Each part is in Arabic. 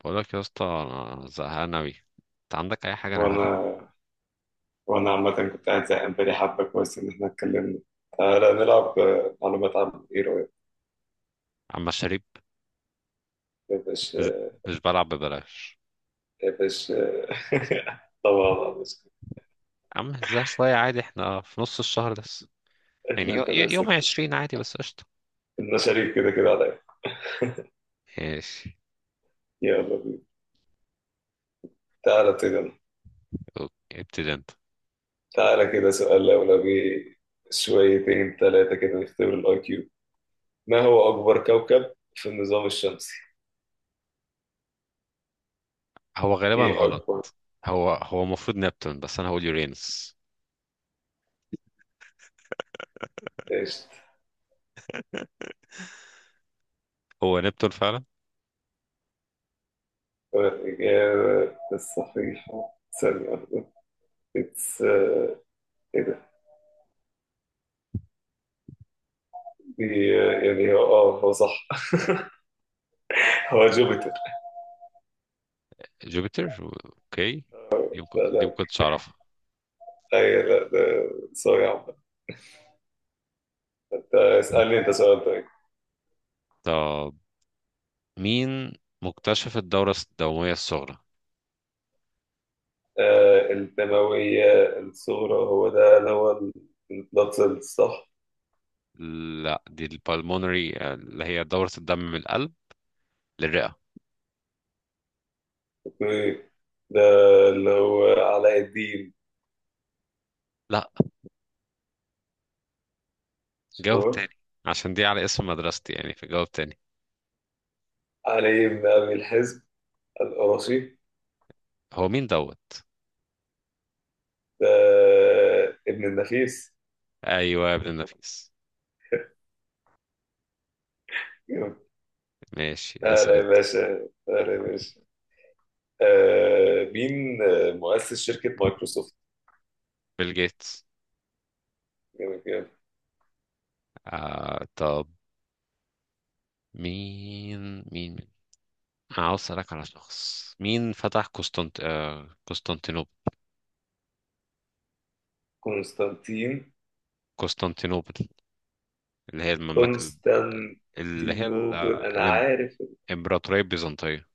بقولك يا اسطى انا زهقان اوي. انت عندك اي حاجه نعملها؟ وانا وانا عامة كنت قاعد زهقان بقالي حبة كويس ان احنا اتكلمنا. تعالى نلعب، معلومات عامة، ايه رأيك؟ اما الشريب. يا مش باشا، مش بلعب ببلاش. يا باشا. طبعا يا باشا. يا عم ازاي؟ شويه عادي، احنا في نص الشهر لسه. يعني اللي انت نفسك يوم فيه. عشرين عادي، بس قشطه. انت شريك كده كده عليا. ماشي. يلا بينا. تعالى ابتدي أنا. اوكي. ابتدي انت. تعالى كده سؤال لولبي، شويتين ثلاثة كده نختبر الاي كيو. ما هو أكبر كوكب في النظام الشمسي؟ هو غالبا ايه غلط. أكبر؟ هو المفروض نبتون، بس انا هقول يورينس. ايش؟ هو نبتون فعلا. الإجابة الصحيحة ثانية واحدة. اتس. يعني هو هو صح. هو جوبيتر. جوبيتر. اوكي. لا دي ما لا كنتش اعرفها. اي لا، ده سوري يا عم. ده اسألني انت سؤال طيب. طب، مين مكتشف الدوره الدمويه الصغرى؟ آه، الدموية الصغرى، هو ده اللي هو البلاد سيلز، صح؟ لا، دي البالمونري، اللي هي دوره الدم من القلب للرئة. اوكي. ده اللي هو علاء الدين. لا، جاوب شوف، تاني، عشان دي على اسم مدرستي يعني، فجاوب تاني. علي بن ابي الحزب القرشي. هو مين دوت؟ ده ابن النفيس. ايوه يا ابن النفيس. جامد. ماشي، اسال اهلا يا انت. باشا، اهلا يا باشا. مين، مؤسس شركة مايكروسوفت؟ بيل جيتس. جامد جامد. طب، مين عاوز اسالك على شخص. مين فتح قسطنطينوبل؟ كونستانتين. قسطنطينوبل، اللي هي المملكه ال- اللي هي ال- آه، كونستانتينوبل انا الإم- عارف. الامبراطوريه البيزنطيه.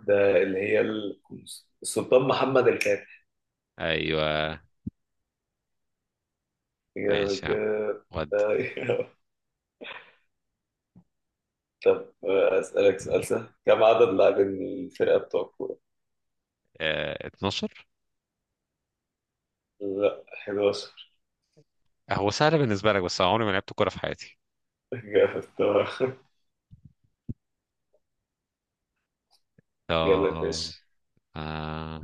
ده اللي هي السلطان محمد الفاتح. ايوه. ماشي يا عم، إجابة- ودي. إجابة- طب اسالك سؤال سهل، كم عدد لاعبين الفرقه بتوع الكوره؟ 12. لا، 11. هو سهل بالنسبه لك، بس أنا عمري ما لعبت كوره في حياتي. جامد طبعا. يلا يا طب. باشا. آه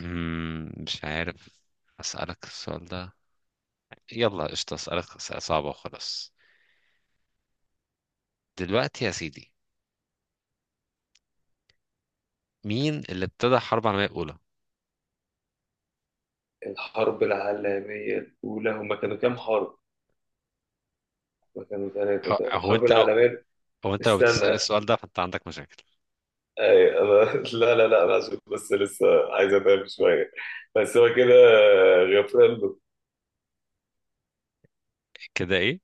مش عارف. أسألك السؤال ده. يلا قشطة، أسألك أسئلة صعبة وخلاص. دلوقتي يا سيدي، مين اللي ابتدى الحرب العالمية الأولى؟ الحرب العالميه الاولى، هما كانوا كام حرب؟ هما كانوا هو ثلاثه هو الحرب أنت لو العالميه. هو أنت لو بتسأل استنى، السؤال ده فأنت عندك مشاكل. أي أنا. لا. أنا عشان بس لسه عايز أتعب شوية. بس هو كده، غفران. كده إيه؟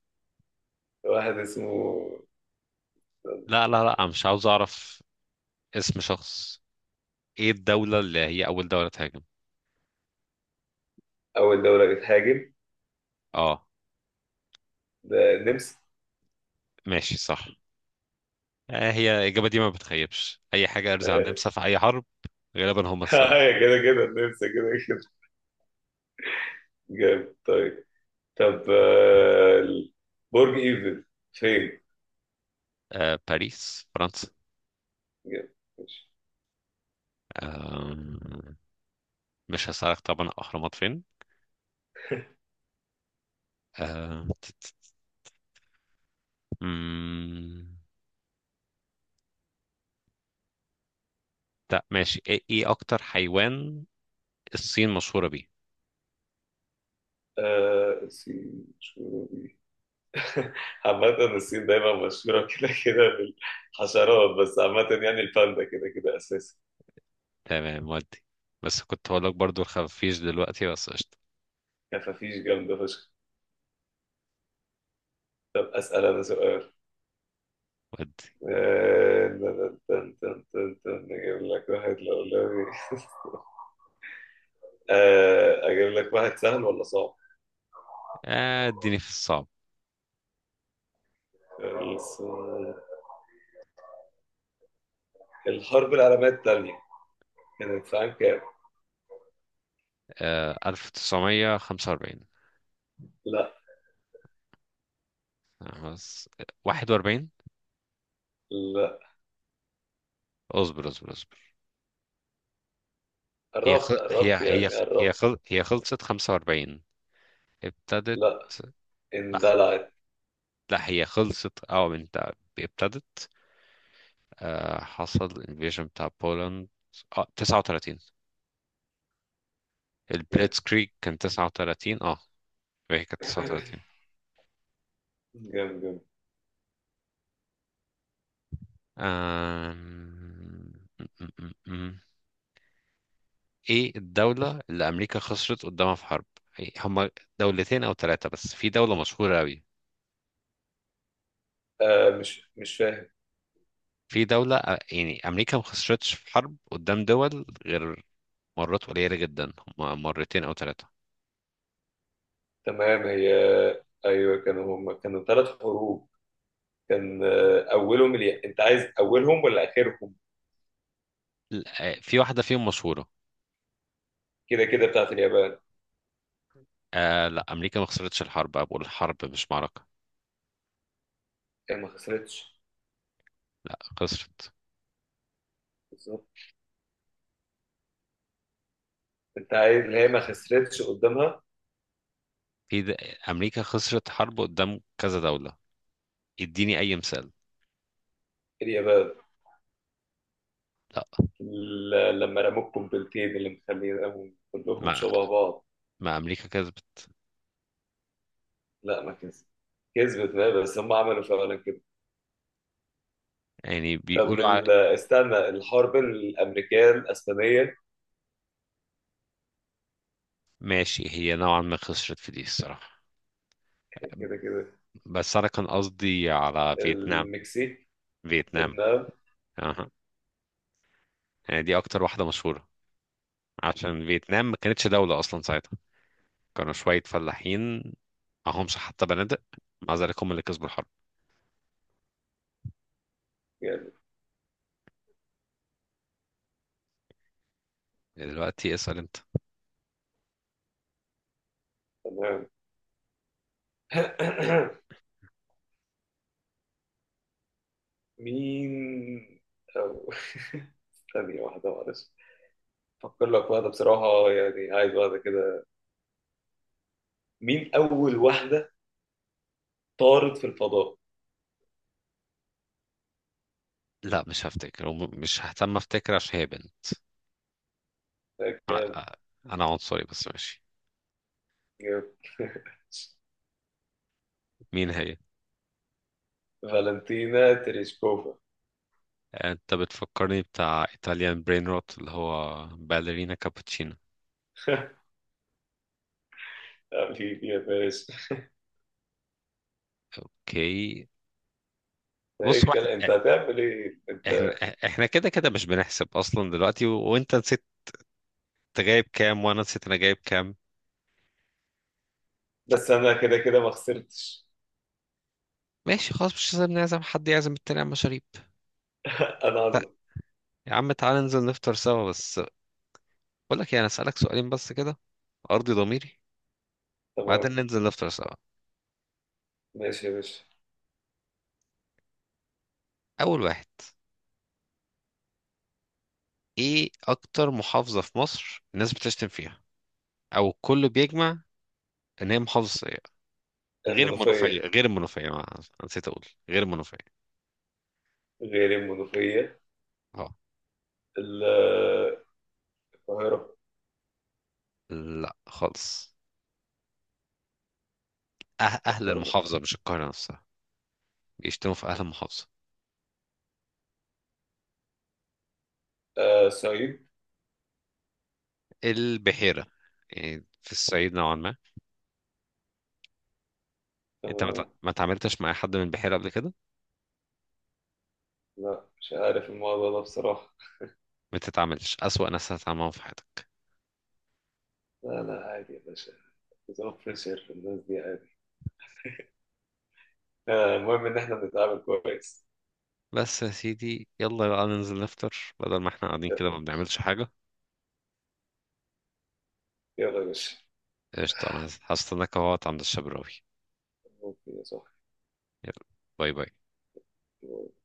واحد اسمه. لا لا لا، أنا مش عاوز أعرف اسم شخص. إيه الدولة اللي هي أول دولة تهاجم؟ أول دولة بتهاجم، أه. ده النمسا. ماشي صح. هي الإجابة دي ما بتخيبش أي حاجة، أرزع عن النمسا في أي حرب، غالبا هم السبب. أيوة كده كده، النمسا كده كده. جامد. طيب، طب، برج إيفل فين؟ باريس، فرنسا. جامد. ماشي. آه، مش هسألك طبعا الأهرامات فين. آه... تت- تت- مم... لا ماشي. ايه اكتر حيوان الصين مشهورة بيه؟ آه، الصين مشهورة بيه. عامة الصين دايما مشهورة كده كده بالحشرات، بس عامة يعني الباندا كده كده أساسي. تمام ودي. بس كنت هقول لك برضو الخفيش دلوقتي، بس قشطة. كفافيش جامدة فشخ. طب أسأل أنا سؤال. ودي. آه، تن- تن- تن- تن- تن. أجيب لك واحد أجيب لك واحد سهل ولا صعب؟ اديني في الصعب. الص- الحرب العالمية التانية كانت في عام كام؟ 1945. لا. خلاص. 41. لا. اصبر اصبر اصبر. هي خ... قربت هي قربت، هي يعني هي قربت. خل... هي خلصت 45. ابتدت. لا، لا اندلعت. لا، هي خلصت، اه انت. ابتدت. حصل invasion بتاع بولند. اه، 39. جامد. البليتس كريك كان 39، اه. هي كانت 39. جامد جامد. أم... م- م- م- م. ايه الدولة اللي أمريكا خسرت قدامها في حرب؟ إيه، هما دولتين أو ثلاثة، بس في دولة مشهورة أوي. آه، مش فاهم. يعني أمريكا ما خسرتش في حرب قدام دول، غير مرات قليلة جدا، هما مرتين أو ثلاثة. تمام. هي، أيوه كانوا، هم كانوا ثلاث حروب. كان أولهم اليا... أنت عايز أولهم ولا آخرهم؟ في واحدة فيهم مشهورة. كده كده بتاعت اليابان. آه لا، أمريكا ما خسرتش الحرب، أنا بقول حرب مش معركة. هي ما خسرتش. لا، خسرت. بالظبط. انت عايز اللي هي ما خسرتش قدامها. في د... آه، أمريكا خسرت حرب قدام كذا دولة، اديني اي مثال. اليابان. لا. لما رموا القنبلتين اللي مخليهم كلهم ما شبه بعض. ما امريكا كسبت. لا ما كسبت. كسبت بقى، بس هم عملوا فعلا كده. يعني طب بيقولوا على... استنى، الحرب الامريكيه الاسبانيه. ماشي، هي نوعا ما خسرت في دي الصراحة، كده كده. بس انا كان قصدي على فيتنام. المكسيك. فيتنام. فيتنام. اها. يعني دي اكتر واحدة مشهورة، عشان فيتنام ما كانتش دولة اصلا ساعتها، كانوا شوية فلاحين، معهمش حتى بنادق. مع ذلك هم اللي كسبوا الحرب. يعني. دلوقتي اسأل انت. تمام. مين، أو... ثانية واحدة معلش، أفكر لك واحدة بصراحة، يعني عايز واحدة كده. مين أول واحدة طارت في الفضاء؟ لا مش هفتكر، مش ههتم افتكر عشان هي بنت. آه، انا عنصري بس ماشي. جامد. مين هي؟ فالنتينا تريشكوفا. انت بتفكرني بتاع ايطاليان برين روت، اللي هو باليرينا كابوتشينو. حبيبي يا باشا. اوكي. ده ايه بص، هو الكلام، انت احنا هتعمل ايه احنا انت؟ إحنا كده كده مش بنحسب اصلا دلوقتي، وانت نسيت. انت جايب كام وانا نسيت انا جايب كام. بس انا كده كده ما خسرتش. ماشي خلاص، مش لازم نعزم حد، يعزم التاني على المشاريب. انا طيب. عظمة. يا عم تعالى ننزل نفطر سوا، بس بقول لك ايه، انا اسالك سؤالين بس كده، ارضي ضميري، بعدين تمام. ننزل نفطر سوا. ماشي يا باشا. اول واحد، ايه اكتر محافظة في مصر الناس بتشتم فيها، او الكل بيجمع ان هي محافظة، غير المنوفية، المنوفية. غير المنوفية، ما نسيت أقول غير المنوفية. غير المنوفية. اه. ال- القاهرة. لا خالص. أه، أهل أكتر محافظة. المحافظة مش القاهرة نفسها، بيشتموا في أهل المحافظة. آه، صعيد. البحيرة، يعني في الصعيد نوعا ما. أنت تمام. ما تعاملتش مع حد من البحيرة قبل كده، لا مش عارف الموضوع ده بصراحة. ما تتعاملش، أسوأ ناس هتتعاملوا في حياتك. لا لا، عادي يا باشا. نظام فريشر الناس دي، عادي. آه المهم إن إحنا بنتعامل كويس. بس يا سيدي، يلا بقى ننزل نفطر، بدل ما احنا قاعدين يلا يا كده ما باشا، بنعملش حاجة. يلا يا باشا. قشطة، أنا هستناك أهوت عند الشبراوي. ممكن يا يلا، باي باي. صاحبي.